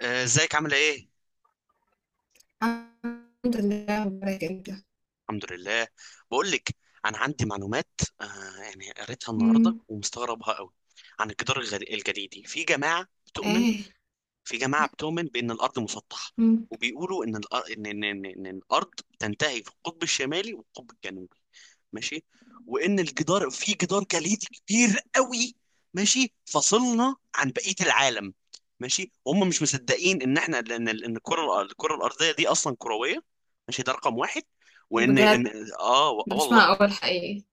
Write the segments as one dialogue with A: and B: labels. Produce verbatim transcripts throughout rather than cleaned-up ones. A: آه، ازيك عامله ايه؟
B: الحمد لله، مبارك أنت.
A: الحمد لله. بقول لك. انا عندي معلومات. آه، يعني قريتها النهارده
B: إمم.
A: ومستغربها قوي. عن الجدار الغ- الجليدي. في جماعه بتؤمن
B: إيه.
A: في جماعه بتؤمن بان الارض مسطحه.
B: إمم.
A: وبيقولوا ان الأر- ان ان ان, إن الارض تنتهي في القطب الشمالي والقطب الجنوبي. ماشي. وان الجدار في جدار جليدي كبير قوي. ماشي، فصلنا عن بقيه العالم. ماشي، وهم مش مصدقين ان احنا ان ان الكره الكره الارضيه دي اصلا كرويه. ماشي، ده رقم واحد. وان ان.
B: بجد
A: اه، و- آه
B: ده مش
A: والله.
B: معقول حقيقي.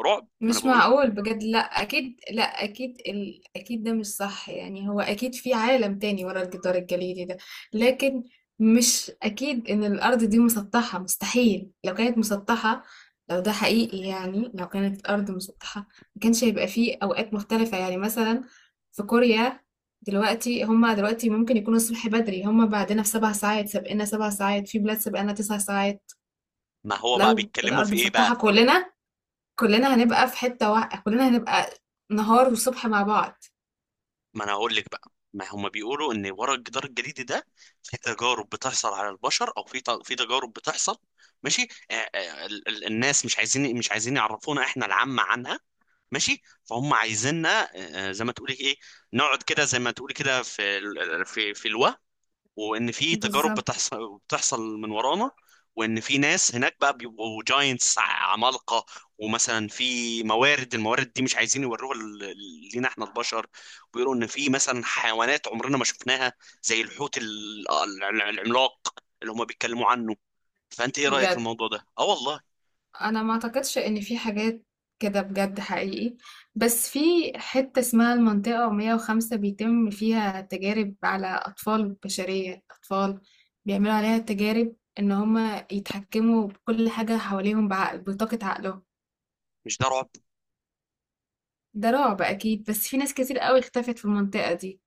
A: رعب، ما انا
B: مش
A: بقول.
B: معقول بجد. لا اكيد لا اكيد، ال... اكيد ده مش صح. يعني هو اكيد في عالم تاني ورا الجدار الجليدي ده. لكن مش اكيد ان الارض دي مسطحة. مستحيل. لو كانت مسطحة، لو ده حقيقي، يعني لو كانت الارض مسطحة ما كانش هيبقى فيه اوقات مختلفة. يعني مثلا في كوريا دلوقتي، هما دلوقتي ممكن يكونوا الصبح بدري. هما بعدنا بسبع ساعات، سابقنا سبع ساعات، في بلاد سابقنا تسع ساعات.
A: ما هو بقى
B: لو
A: بيتكلموا
B: الارض
A: في ايه
B: مسطحة،
A: بقى؟
B: كلنا كلنا هنبقى في حتة واحدة. كلنا هنبقى نهار وصبح مع بعض.
A: ما انا هقول لك بقى ما هم بيقولوا ان ورا الجدار الجليدي ده في تجارب بتحصل على البشر، او في ت- في تجارب بتحصل. ماشي، آه، آه، ال- ال- الناس مش عايزين مش عايزين يعرفونا احنا العامة عنها. ماشي، فهم عايزيننا، آه، آه، زي ما تقولي ايه، نقعد كده زي ما تقولي كده في ال- في في الوهم. وان في تجارب
B: بالظبط.
A: بتحصل بتحصل من ورانا. وان في ناس هناك بقى بيبقوا جاينتس عمالقه. ومثلا في موارد الموارد دي مش عايزين يوروها ل- ل- لينا احنا البشر. بيقولوا ان في مثلا حيوانات عمرنا ما شفناها، زي الحوت ال- العملاق اللي هم بيتكلموا عنه. فانت ايه رايك في
B: بجد
A: الموضوع ده؟ اه والله.
B: انا ما اعتقدش ان في حاجات كده بجد حقيقي. بس في حتة اسمها المنطقة مية وخمسة، بيتم فيها تجارب على اطفال بشرية. اطفال بيعملوا عليها تجارب ان هما يتحكموا بكل حاجة حواليهم بعقل، بطاقة عقلهم.
A: مش ده رعب؟
B: ده رعب اكيد، بس في ناس كتير قوي اختفت في المنطقة دي.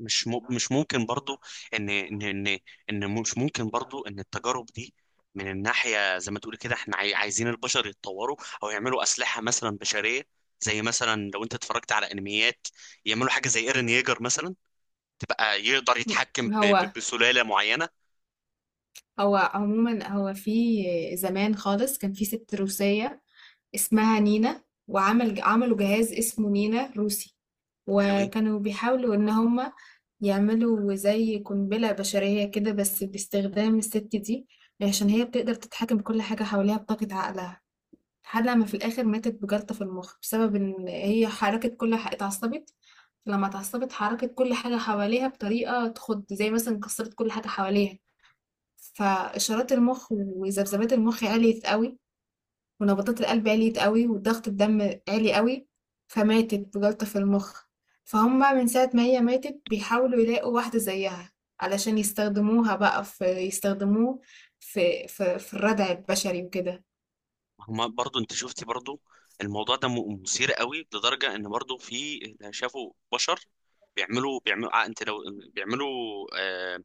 A: مش مو- مش ممكن برضو، ان ان ان ان مش ممكن برضو ان التجارب دي من الناحية زي ما تقول كده احنا عاي- عايزين البشر يتطوروا او يعملوا اسلحة مثلا بشرية. زي مثلا لو انت اتفرجت على انميات، يعملوا حاجة زي ايرن ييجر مثلا، تبقى يقدر يتحكم ب- ب-
B: هو
A: بسلالة معينة.
B: هو عموما، هو في زمان خالص كان في ست روسية اسمها نينا. وعمل عملوا جهاز اسمه نينا روسي.
A: حلوين.
B: وكانوا بيحاولوا ان هما يعملوا زي قنبلة بشرية كده، بس باستخدام الست دي. عشان هي بتقدر تتحكم بكل حاجة حواليها بطاقة عقلها. لحد لما في الآخر ماتت بجلطة في المخ، بسبب ان هي حركت كل حاجة، اتعصبت. لما اتعصبت حركت كل حاجة حواليها بطريقة تخض، زي مثلا كسرت كل حاجة حواليها. فإشارات المخ وذبذبات المخ عِلْيت أوي، ونبضات القلب عِلْيت أوي، وضغط الدم عِلِي أوي. فماتت بجلطة في المخ. فهُم من ساعة ما هي ماتت بيحاولوا يلاقوا واحدة زيّها، علشان يستخدموها بقى في يستخدموه في في في الردع البشري وكده.
A: هما برضو انت شفتي برضو الموضوع ده م- مثير قوي لدرجة ان برضو في، شافوا بشر بيعملوا بيعملوا آه، انت لو بيعملوا آه،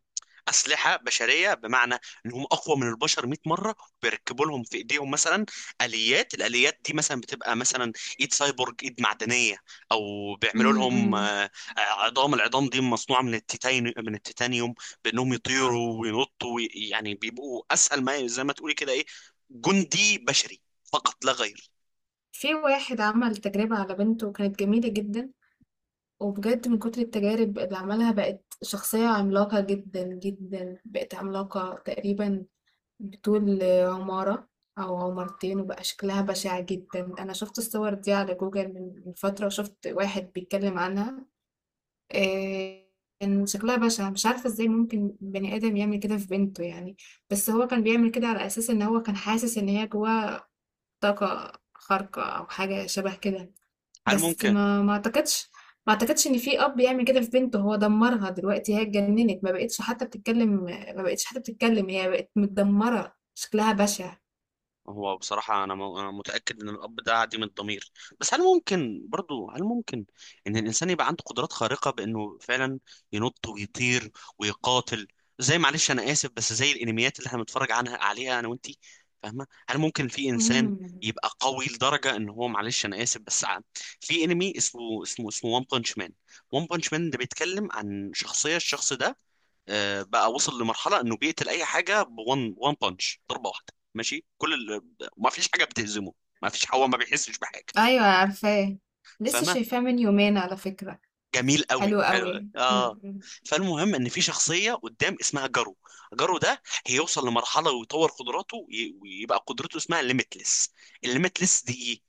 A: اسلحه بشريه، بمعنى انهم اقوى من البشر مية مرة مره. بيركبوا لهم في ايديهم مثلا اليات. الاليات دي مثلا بتبقى مثلا ايد سايبورج، ايد معدنيه. او بيعملوا
B: إمم،
A: لهم،
B: إمم.
A: آه، آه، عظام. العظام دي مصنوعه من التيتان من التيتانيوم، بانهم
B: آه.
A: يطيروا وينطوا وي- يعني بيبقوا اسهل، ما زي ما تقولي كده ايه، جندي بشري فقط لا غير.
B: في واحد عمل تجربة على بنته، وكانت جميلة جدًا. وبجد من كتر التجارب اللي عملها بقت شخصية عملاقة جدًا، جدًا. بقت عملاقة تقريبًا بطول عمارة أو عمارتين، وبقى شكلها بشع جدا. أنا شفت الصور دي على جوجل من من فترة، وشفت واحد بيتكلم عنها. إيه. كان شكلها بشع، مش عارفة ازاي ممكن بني آدم يعمل كده في بنته يعني. بس هو كان بيعمل كده على أساس إن هو كان حاسس إن هي جواها طاقة خارقة أو حاجة شبه كده.
A: هل
B: بس
A: ممكن؟
B: ما ما أعتقدش ما أعتقدش إن في أب يعمل كده في بنته. هو دمرها، دلوقتي هي اتجننت، ما بقتش حتى بتتكلم ما بقتش حتى بتتكلم. هي بقت متدمرة، شكلها بشع.
A: هو بصراحة، أنا م- أنا متأكد إن الأب ده عديم الضمير. بس هل ممكن برضو، هل ممكن إن الإنسان يبقى عنده قدرات خارقة بإنه فعلا ينط ويطير ويقاتل، زي معلش أنا آسف، بس زي الأنميات اللي إحنا بنتفرج عنها عليها، أنا وأنتي فاهمة؟ هل ممكن في إنسان
B: امم.
A: يبقى قوي لدرجة إن هو، معلش أنا آسف، بس ع- في أنمي اسمه، اسمه اسمه وان بانش مان. وان بانش مان ده بيتكلم عن شخصية الشخص ده، آه، بقى وصل لمرحله انه بيقتل اي حاجه بون وان بانش ضربه واحده. ماشي، كل ال... ما فيش حاجه بتهزمه. ما فيش هو ما بيحسش بحاجه.
B: ايوه، عارفاه. لسه
A: فاهمه؟
B: شايفاه من يومين على فكرة.
A: جميل قوي،
B: حلو
A: حلو،
B: قوي،
A: اه.
B: امم.
A: فالمهم ان في شخصيه قدام اسمها جارو. جارو ده هيوصل لمرحله ويطور قدراته وي- ويبقى قدرته اسمها ليميتلس. الليميتلس دي ايه؟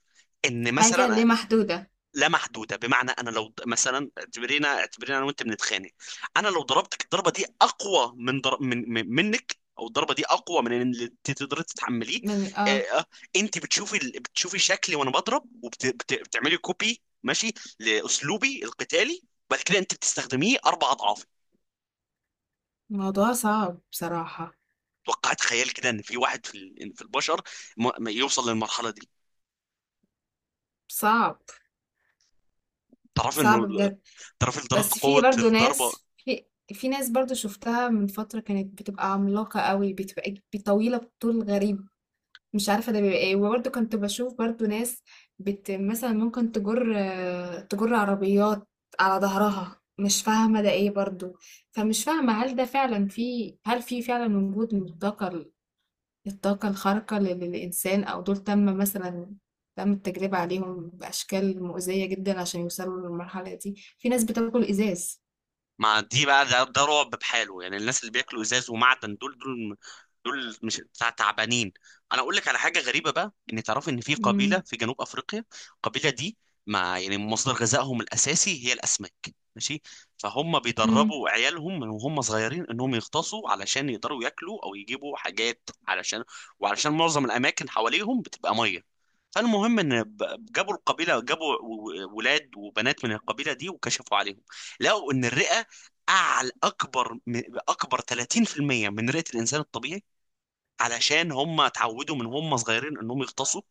A: ان
B: حاجة ليه
A: مثلا
B: محدودة.
A: لا محدوده. بمعنى، انا لو د- مثلا اعتبرينا، اعتبرينا انا وانت بنتخانق، انا لو ضربتك، الضربه دي اقوى من, ضر... من... من منك، او الضربه دي اقوى من اللي انت تقدري تتحمليه.
B: من،
A: آه...
B: اه.
A: آه، انت بتشوفي ال- بتشوفي شكلي وانا بضرب، وبتعملي وبت... بت... بتعملي كوبي، ماشي، لاسلوبي القتالي. وبعد كده انت بتستخدميه اربع اضعاف.
B: الموضوع صعب بصراحة.
A: توقعت خيال كده ان في واحد في ال... في البشر ما... ما يوصل للمرحله دي.
B: صعب.
A: تعرف
B: صعب
A: انه
B: بجد.
A: تعرف درجه
B: بس في
A: قوه
B: برضو
A: الضربه.
B: ناس. في في ناس برضو شفتها من فترة، كانت بتبقى عملاقة قوي، بتبقى طويلة بطول غريب. مش عارفة ده بيبقى ايه. وبرضه كنت بشوف برضه ناس، بت مثلا ممكن تجر آه، تجر عربيات على ظهرها، مش فاهمة ده ايه برضه. فمش فاهمة هل ده فعلا في هل في فعلا وجود من الطاقة ال- الطاقة الخارقة لل- للإنسان، أو دول تم مثلا تم التجربة عليهم بأشكال مؤذية جدا عشان يوصلوا للمرحلة دي. في ناس بتاكل إزاز.
A: مع دي بقى ده, ده رعب بحاله. يعني الناس اللي بياكلوا ازاز ومعدن، دول دول دول مش تع- تعبانين؟ انا اقول لك على حاجه غريبه بقى. ان تعرف ان في قبيله
B: مم.
A: في جنوب افريقيا، القبيله دي مع يعني مصدر غذائهم الاساسي هي الاسماك. ماشي. فهم
B: مم.
A: بيدربوا عيالهم من وهم صغيرين انهم يغطسوا، علشان يقدروا ياكلوا او يجيبوا حاجات علشان وعلشان معظم الاماكن حواليهم بتبقى ميه. فالمهم، ان ب- جابوا القبيله جابوا و- و- ولاد وبنات من القبيله دي وكشفوا عليهم، لقوا ان الرئه اعلى اكبر م- اكبر ثلاثين في المية من رئة الانسان الطبيعي، علشان هم اتعودوا من هم صغيرين انهم يغطسوا،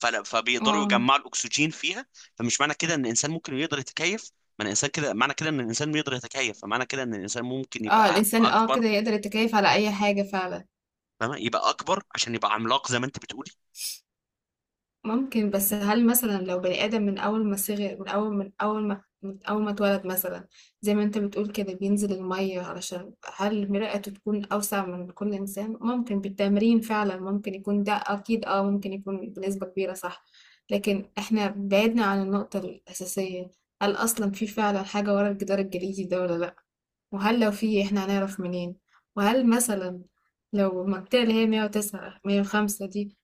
A: فلا فبيقدروا
B: اه،
A: يجمعوا الاكسجين فيها. فمش معنى كده ان الانسان ممكن يقدر يتكيف؟ معنى الانسان كده معنى كده ان الانسان يقدر يتكيف، فمعنى كده ان الانسان ممكن
B: اه،
A: يبقى
B: الإنسان اه
A: اكبر.
B: كده يقدر يتكيف على أي حاجة فعلا.
A: فاهمة؟ يبقى اكبر عشان يبقى عملاق زي ما انت بتقولي.
B: ممكن. بس هل مثلا لو بني آدم من أول ما صغر من أول من أول ما من أول ما اتولد، مثلا زي ما أنت بتقول كده بينزل المية، علشان هل مرآته تكون أوسع من كل إنسان؟ ممكن بالتمرين، فعلا ممكن يكون ده، أكيد أه، ممكن يكون بنسبة كبيرة، صح. لكن إحنا بعدنا عن النقطة الأساسية. هل أصلا في فعلا حاجة ورا الجدار الجليدي ده ولا لأ؟ وهل لو في، إحنا هنعرف منين؟ وهل مثلا لو المنطقة اللي هي مية وتسعة مية وخمسة دي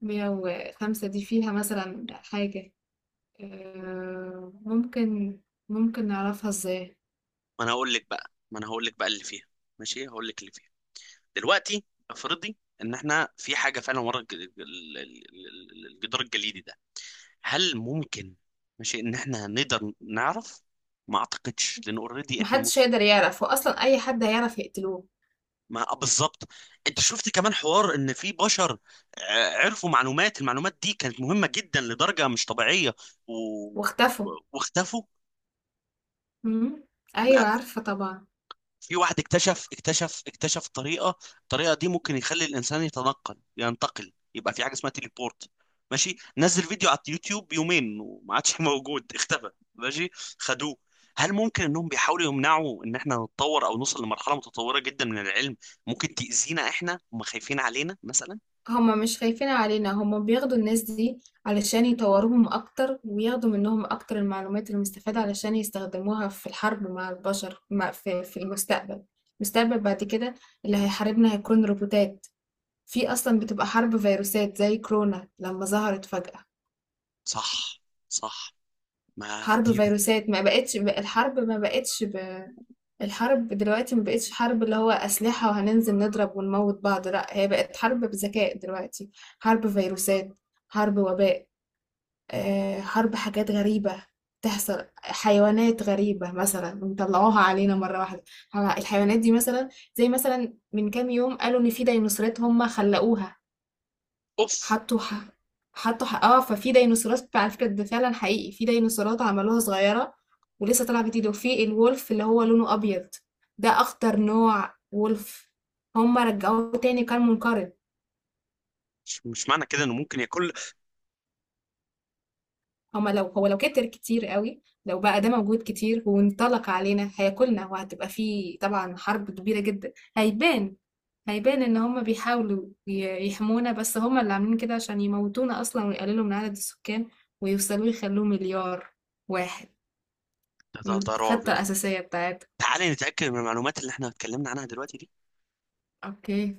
B: مية وخمسة دي فيها مثلا حاجة، آه، ممكن ممكن نعرفها ازاي؟
A: ما انا هقول لك بقى ما انا هقول لك بقى اللي فيها. ماشي، هقول لك اللي فيها. دلوقتي افرضي ان احنا في حاجه فعلا ورا الج- ال- ال- ال- الجدار الجليدي ده، هل ممكن، ماشي، ان احنا نقدر نعرف؟ ما اعتقدش، لان اوريدي احنا
B: محدش
A: مس...
B: هيقدر يعرف، واصلا اي حد هيعرف يقتلوه.
A: ما آه، بالظبط. انت شفت كمان حوار ان في بشر آه، عرفوا معلومات المعلومات دي كانت مهمة جدا لدرجة مش طبيعية، و...
B: واختفوا.
A: واختفوا.
B: مم. ايوه عارفة طبعا.
A: في واحد اكتشف اكتشف اكتشف طريقة، الطريقة دي ممكن يخلي الإنسان يتنقل ينتقل، يبقى في حاجة اسمها تيليبورت. ماشي، نزل فيديو على اليوتيوب يومين وما عادش موجود، اختفى. ماشي، خدوه. هل ممكن انهم بيحاولوا يمنعوا ان احنا نتطور او نوصل لمرحلة متطورة جدا من العلم؟ ممكن تأذينا احنا، هم خايفين علينا مثلا.
B: هما مش خايفين علينا، هما بياخدوا الناس دي علشان يطوروهم اكتر، وياخدوا منهم اكتر المعلومات المستفادة علشان يستخدموها في الحرب مع البشر، مع في, في المستقبل. المستقبل بعد كده اللي هيحاربنا هيكون روبوتات. في أصلًا بتبقى حرب فيروسات زي كورونا لمّا ظهرت فجأة.
A: صح، صح. ما
B: حرب
A: دي ده.
B: فيروسات، ما بقتش ب الحرب ما بقتش ب الحرب دلوقتي ما بقتش حرب اللي هو أسلحة وهننزل نضرب ونموّت بعض. لأ، هي بقت حرب بذكاء دلوقتي، حرب فيروسات، حرب وباء، آآ حرب حاجات غريبة تحصل، حيوانات غريبة مثلًا بيطلعوها علينا مرة واحدة. ه الحيوانات دي مثلًا، زي مثلًا من كام يوم قالوا إن في ديناصورات هُم خلّقوها.
A: اوف.
B: حطوا ح... حطوا ح... اه ففي ديناصورات على فكرة، ده فعلا حقيقي، في ديناصورات عملوها صغيرة ولسه طالعة جديدة. وفي الولف اللي هو لونه أبيض، ده أخطر نوع ولف، هما رجعوه تاني كان منقرض.
A: مش مش معنى كده انه ممكن ياكل؟
B: هما لو هو لو كتر كتير قوي، لو بقى ده موجود كتير وانطلق علينا هياكلنا، وهتبقى فيه طبعا حرب كبيرة جدا. هيبان هيبان ان هما بيحاولوا ي- يحمونا، بس هما اللي عاملين كده عشان يموتونا اصلا، ويقللوا من عدد السكان، ويوصلوا يخلوه مليار واحد،
A: ده ده
B: من
A: ده رعب،
B: الخطة
A: ده.
B: الأساسية بتاعتها.
A: تعالي نتأكد من المعلومات اللي احنا اتكلمنا عنها دلوقتي دي.
B: اوكي.